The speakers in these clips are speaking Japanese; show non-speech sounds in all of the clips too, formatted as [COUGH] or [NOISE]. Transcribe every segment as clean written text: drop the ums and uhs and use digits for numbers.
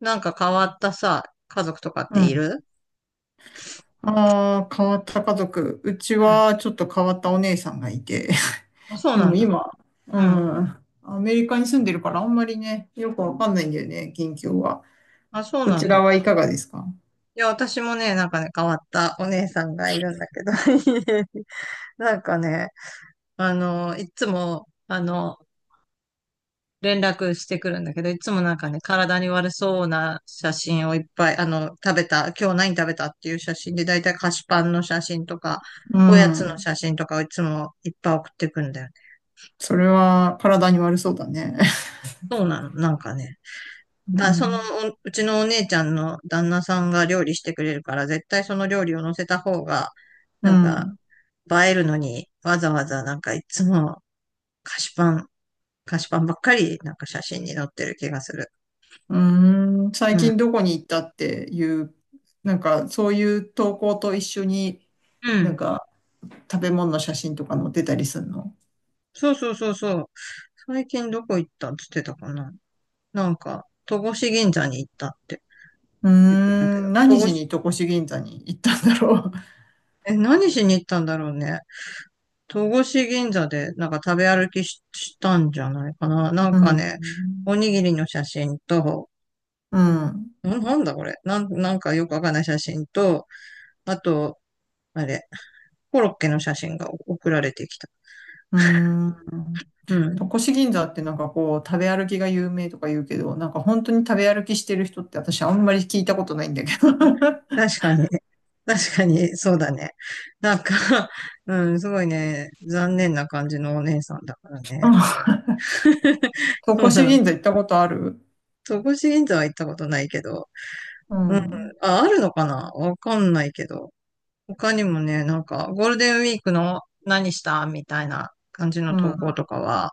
なんか変わったさ、家族とかっうていん。る？ああ、変わった家族。うちうん。はちょっと変わったお姉さんがいて。あ、[LAUGHS] そうでなもんだ。今、ううん。ん。アメリカに住んでるからあんまりね、よくわかんないんだよね、近況は。あ、そうそなちんらだ。はいかがですか？いや、私もね、なんかね、変わったお姉さんがいるんだけど、[LAUGHS] なんかね、いつも、連絡してくるんだけど、いつもなんかね、体に悪そうな写真をいっぱい、食べた、今日何食べたっていう写真で、だいたい菓子パンの写真とか、うおやつのん。写真とかをいつもいっぱい送ってくんだよね。それは体に悪そうだね。そうなの、なんかね。[LAUGHS] うだ、その、ん。おうちのお姉ちゃんの旦那さんが料理してくれるから、絶対その料理を乗せた方が、うなんか、ん。映えるのに、わざわざなんかいつも菓子パン、菓子パンばっかり、なんか写真に載ってる気がする。うーん。最う近ん。どこに行ったっていう、なんかそういう投稿と一緒に、うなん。んか食べ物の写真とか載ってたりするの？そうそうそうそう。最近どこ行ったっつってたかな。なんか、戸越銀座に行ったって言ってたけど。何しに戸越銀座に行ったんだろう。[LAUGHS] え、何しに行ったんだろうね。戸越銀座でなんか食べ歩きし、したんじゃないかな。なんうかね、おん。にぎりの写真と、うん。んなんだこれ。なんかよくわかんない写真と、あと、あれ、コロッケの写真が送られてきた。うん。う戸ん。越銀座ってなんかこう、食べ歩きが有名とか言うけど、なんか本当に食べ歩きしてる人って私あんまり聞いたことないんだけど。[LAUGHS] うん。確かに。確かに、そうだね。なんか [LAUGHS] うん、すごいね、残念な感じのお姉さんだからね。[LAUGHS] 戸そう越なの。銀座行ったことある？戸越銀座は行ったことないけど。ううん。ん。あ、あるのかなわかんないけど。他にもね、なんか、ゴールデンウィークの何したみたいな感じうの投稿ん。とかは、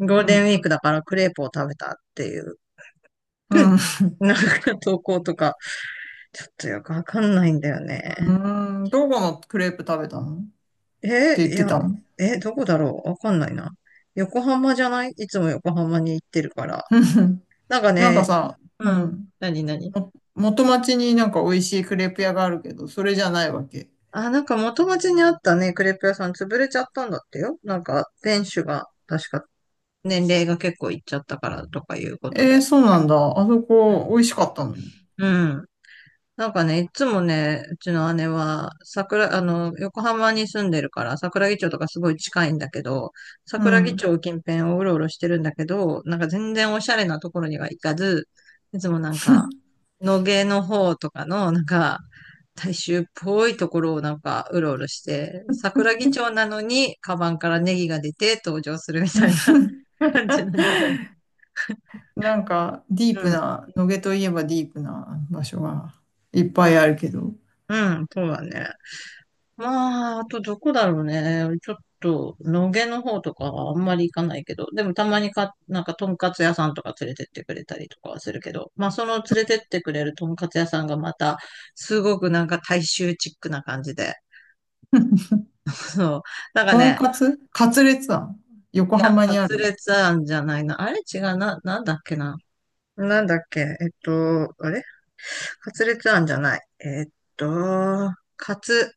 ゴーうルデンウん。ィークだからクレープを食べたっていう、うん。なんか投稿とか、ちょっとよくわかんないんだようね。ん。どこのクレープ食べたのって言っいてや、たの。どこだろうわかんないな。横浜じゃない、いつも横浜に行ってるから。うん。 [LAUGHS] なんかなんかね、さ、ううん。ん。何、何？も元町になんか美味しいクレープ屋があるけど、それじゃないわけ。あ、なんか元町にあったね、クレープ屋さん潰れちゃったんだってよ。なんか、店主が、確か、年齢が結構いっちゃったからとかいうことえー、で。そうなんだ。あそこ、美味しかったのに。うん。なんかね、いつもね、うちの姉は、桜、あの、横浜に住んでるから、桜木町とかすごい近いんだけど、う桜木ん。町近辺をうろうろしてるんだけど、なんか全然おしゃれなところには行かず、いつもなんか、野毛の方とかの、なんか、大衆っぽいところをなんか、うろうろして、桜木町なのに、カバンからネギが出て登場するみたいな [LAUGHS] [LAUGHS] 感じなんだよね。なんか、ディーうプん、な、野毛といえばディープな場所がいっぱいあるけど、うん、そうだね。まあ、あとどこだろうね。ちょっと、野毛の方とかはあんまり行かないけど、でもたまにか、なんか、とんかつ屋さんとか連れてってくれたりとかはするけど、まあ、その連れてってくれるとんかつ屋さんがまた、すごくなんか大衆チックな感じで、[LAUGHS] そう。なんかとんね、かつカツレツ庵横いや、浜カにあツる？レツ庵じゃないな。あれ違うな、なんだっけな。なんだっけ、あれ、カツレツ庵じゃない。と、カツ、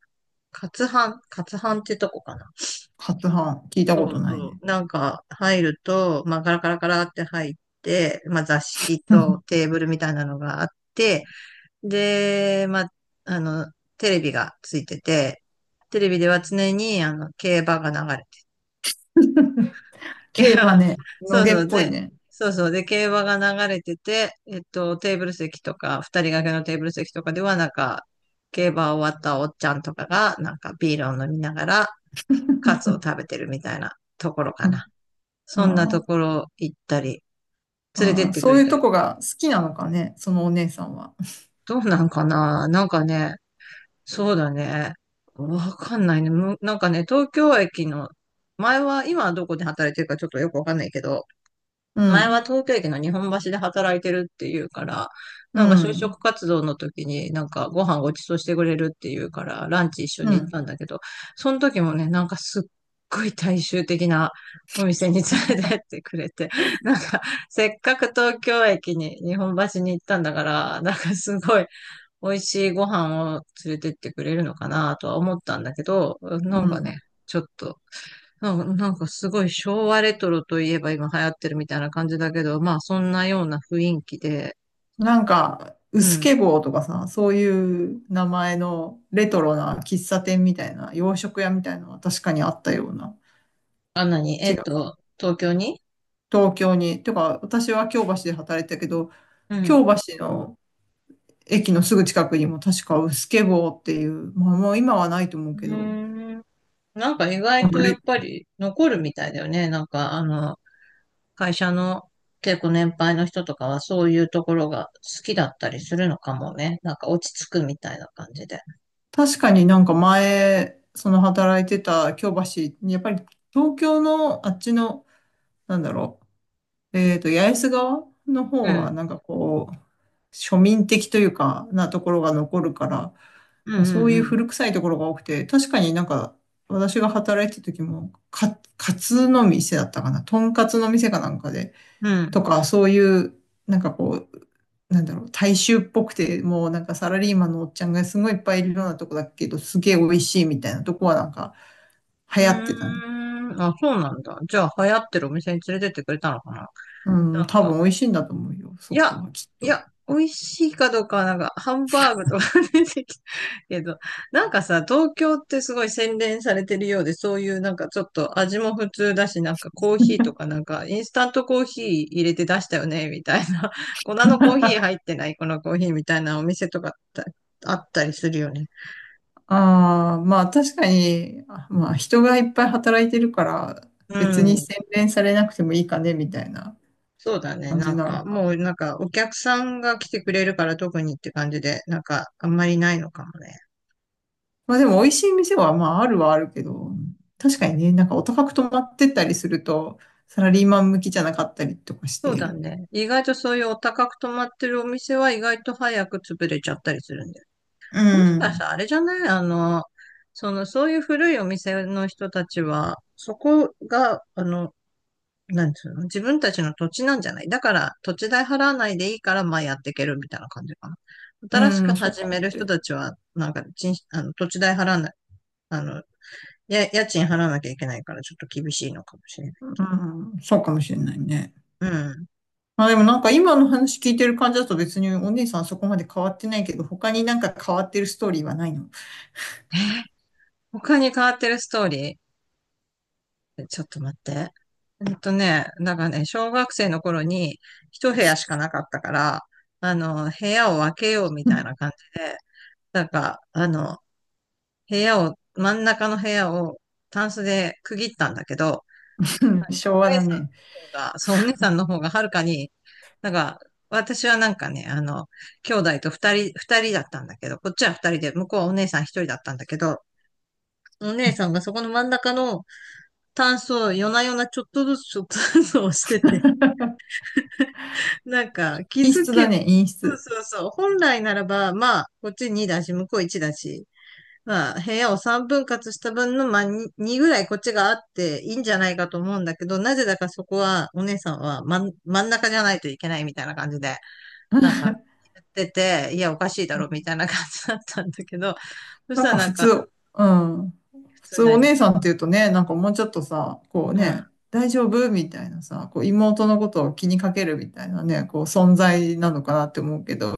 カツハンってとこかな。カツ飯、聞いたそこうとないそね。う。なんか入ると、まあガラガラガラって入って、まあ座敷と [LAUGHS] テーブルみたいなのがあって、で、まあ、あの、テレビがついてて、テレビでは常にあの競馬が流れてる。[LAUGHS] い競馬や、ね、野そう毛っそう。ぽいで、ね。そうそう。で、競馬が流れてて、テーブル席とか、二人掛けのテーブル席とかでは、なんか、競馬終わったおっちゃんとかが、なんかビールを飲みながら、カツを食べてるみたいなところかうな。ん。あそんなとこー、ろ行ったり、連れてあっー、てくそうれいうたとり。こが好きなのかね、そのお姉さんは。どうなんかな、なんかね、そうだね。わかんないね。なんかね、東京駅の、前は、今はどこで働いてるかちょっとよくわかんないけど、う前はん、東京駅の日本橋で働いてるっていうから、うなんか就ん、職活動の時になんかご飯ごちそうしてくれるっていうから、ランチ一緒うに行っん、たんだけど、その時もね、なんかすっごい大衆的なお店に連れてってくれて、なんかせっかく東京駅に日本橋に行ったんだから、なんかすごい美味しいご飯を連れてってくれるのかなとは思ったんだけど、うなんかん。ね、ちょっとうんなんかすごい昭和レトロといえば今流行ってるみたいな感じだけど、まあそんなような雰囲気で、なんか、ううすけん。坊とかさ、そういう名前のレトロな喫茶店みたいな、洋食屋みたいなのは確かにあったような。あ、なに、違う。東京に。東京に。てか、私は京橋で働いてたけど、うん。京う橋の駅のすぐ近くにも確かうすけ坊っていう、まあもう今はないと思うーけど、ん。なんか意な外んとかやレっぱり残るみたいだよね。なんか会社の結構年配の人とかはそういうところが好きだったりするのかもね。なんか落ち着くみたいな感じで。確かになんか前、その働いてた京橋、やっぱり東京のあっちの、なんだろう、八重洲側のう方は、ん。なんかこう、庶民的というか、なところが残るから、うんまあ、うそんういううん。古臭いところが多くて、確かになんか、私が働いてた時も、カツの店だったかな、とんかつの店かなんかで、うん。とか、そういう、なんかこう、なんだろう、大衆っぽくて、もうなんかサラリーマンのおっちゃんがすごいいっぱいいるようなとこだけど、すげえ美味しいみたいなとこはなんか流行ってたね。うーん。あ、そうなんだ。じゃあ流行ってるお店に連れてってくれたのかな？うん、なん多か分美味しいんだと思うよ、いそや、こはきっいと。や、美味しいかどうかはなんか、ハンバーグとか [LAUGHS] 出てきたけど、なんかさ、東京ってすごい洗練されてるようで、そういうなんかちょっと味も普通だし、なんかコーヒーとかなんか、インスタントコーヒー入れて出したよね、みたいな。[LAUGHS] 粉のコーヒー入ってない、このコーヒーみたいなお店とかってあったりするよね。ああ、まあ確かに、あまあ人がいっぱい働いてるから、う別にん。洗練されなくてもいいかね、みたいなそうだね。感なじんなのか、か。もうなんか、お客さんが来てくれるから特にって感じで、なんか、あんまりないのかもね。まあでも美味しい店はまああるはあるけど、確かにね、なんかお高く泊まってったりすると、サラリーマン向きじゃなかったりとかしそうだて。ね。意外とそういうお高く泊まってるお店は意外と早く潰れちゃったりするんだよ。うもしかしん。たらあれじゃない？そういう古いお店の人たちは、そこが、なんつうの、自分たちの土地なんじゃない？だから、土地代払わないでいいから、まあやっていけるみたいな感じかな。新しうくん、そう始かめもるしれ人なたい。ちは、なんか、ちん、あの、土地代払わない、あの、家賃払わなきゃいけないから、ちょっと厳しいのかもしれない。うん、そうかもしれないね。うん。まあでもなんか今の話聞いてる感じだと別にお姉さんそこまで変わってないけど、他になんか変わってるストーリーはないの？え、他に変わってるストーリー？ちょっと待って。うんとね、なんからね、小学生の頃に一部屋しかなかったから、部屋を分けようみ [LAUGHS] うたいな感じで、なんか、部屋を、真ん中の部屋をタンスで区切ったんだけど、ん、昭お和姉ださね。んの方が、そう、お姉さんの方がはるかに、なんか、私はなんかね、兄弟と二人だったんだけど、こっちは二人で、向こうはお姉さん一人だったんだけど、お姉さんがそこの真ん中のタンスを夜な夜なちょっとずつちょっとずつ押してて、なんか、気陰づ湿だけ、ね、陰そう湿。そうそう。本来ならば、まあ、こっち2だし、向こう1だし、まあ、部屋を3分割した分の、まあ、2、2ぐらいこっちがあっていいんじゃないかと思うんだけど、なぜだかそこは、お姉さんは真ん中じゃないといけないみたいな感じで、なん [LAUGHS] か、言ってて、いや、おかしいだうろ、みん、たいな感じだったんだけど、そしなんたらかな普んか、通、うん。普普通通なおに、姉さんっていうとね、なんかもうちょっとさ、こううん。ね、大丈夫みたいなさ、こう妹のことを気にかけるみたいなね、こう存在なのかなって思うけど、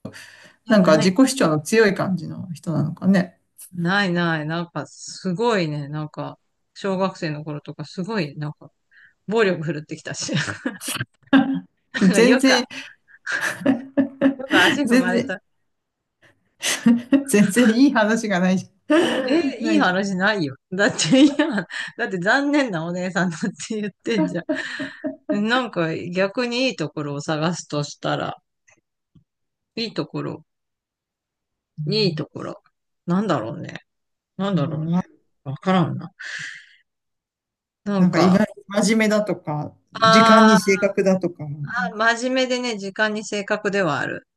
いや、なんかな自己い、主張の強い感じの人なのかね。ないない、なんか、すごいね、なんか、小学生の頃とか、すごい、なんか、暴力振るってきたし。[LAUGHS] 全よ然、か、よか足踏全まれ然、た。[LAUGHS] 全然いい話がないじゃえ、ん。[LAUGHS] ないいいじゃん。話ないよ。だって、いや、だって残念なお姉さんだって言ってんじゃん。なんか逆にいいところを探すとしたら、いいところ、いいところ。なんだろうね。なんうだろん、うね。わからんな。ななんんか意か、外に真面目だとか、時間あに正ー確だとか、あ、真面目でね、時間に正確ではある。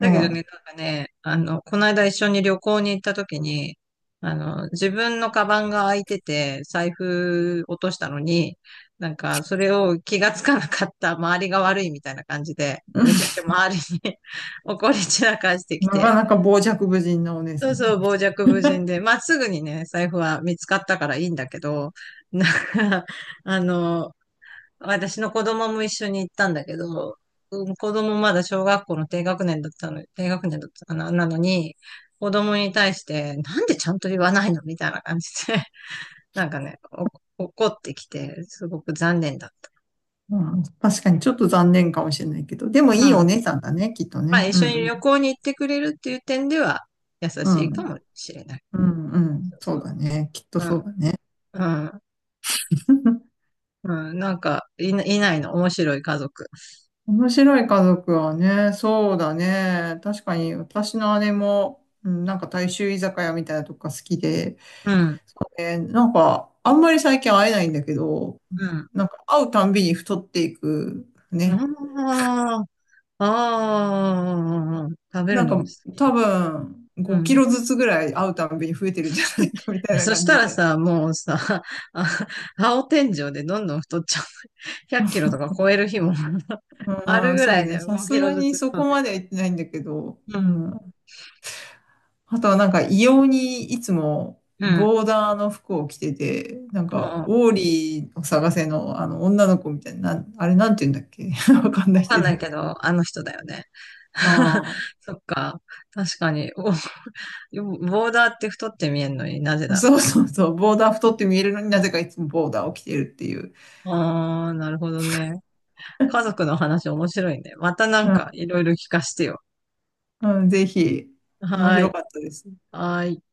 うけどん。ね、なんかね、この間一緒に旅行に行った時に、自分のカバンが開いてて、財布落としたのに、なんか、それを気がつかなかった周りが悪いみたいな感じで、めちゃく [LAUGHS] ちゃ周りに [LAUGHS] 怒り散らかしてきなかて、なか傍若無人なお姉さそうん。そう、傍若無人で、まあ、すぐにね、財布は見つかったからいいんだけど、なんか、あの、私の子供も一緒に行ったんだけど、うん、子供まだ小学校の低学年だったの、低学年だったかな、なのに、子供に対して、なんでちゃんと言わないのみたいな感じで、[LAUGHS] なんかね、怒ってきて、すごく残念だっうん、確かにちょっと残念かもしれないけど、でもた。うん。いいおま姉さんだね、きっとあ、ね。一う緒にん、旅行に行ってくれるっていう点では、優うしん。ういかん。もしれない。うん、うそん。うそうだそね。きっとそうう。だね。うん、[LAUGHS] うん、うん。なんか、いないの、面白い家族。面白い家族はね、そうだね。確かに私の姉も、うん、なんか大衆居酒屋みたいなとこが好きで、うん、なんかあんまり最近会えないんだけど、うん。なんか会うたんびに太っていくね。ああ、ああ、食べなるんのがか好き。多分う5キん。ロずつぐらい会うたんびに増えてるんじゃな [LAUGHS] いかみたいなそし感たじらで。さ、もうさ、[LAUGHS] あ、青天井でどんどん太っちゃう。[LAUGHS] 100キロとか超える日も [LAUGHS] ああるあ、ぐそらういね。でさ5キすロがずにつそ太こってまでたはら。行ってないんだけど、うん。うん。あとはなんか異様にいつもうん。ボーダーの服を着てて、なんもかう、オーリーを探せのあの女の子みたいな、あれなんて言うんだっけ？ [LAUGHS] わかんなわいかんけなど。いけど、あの人だよね。[LAUGHS] あそっか。確かに。ボーダーって太って見えるのになぜあ、だろそうそうそう。ボーダー太って見えるのになぜかいつもボーダーを着てるっていう。う。ああ、なるほどね。家族 [LAUGHS] の話面白いね。またなんかういろいろ聞かせてよ。ん、うん、ぜひ、面はーい。白かったです。はーい。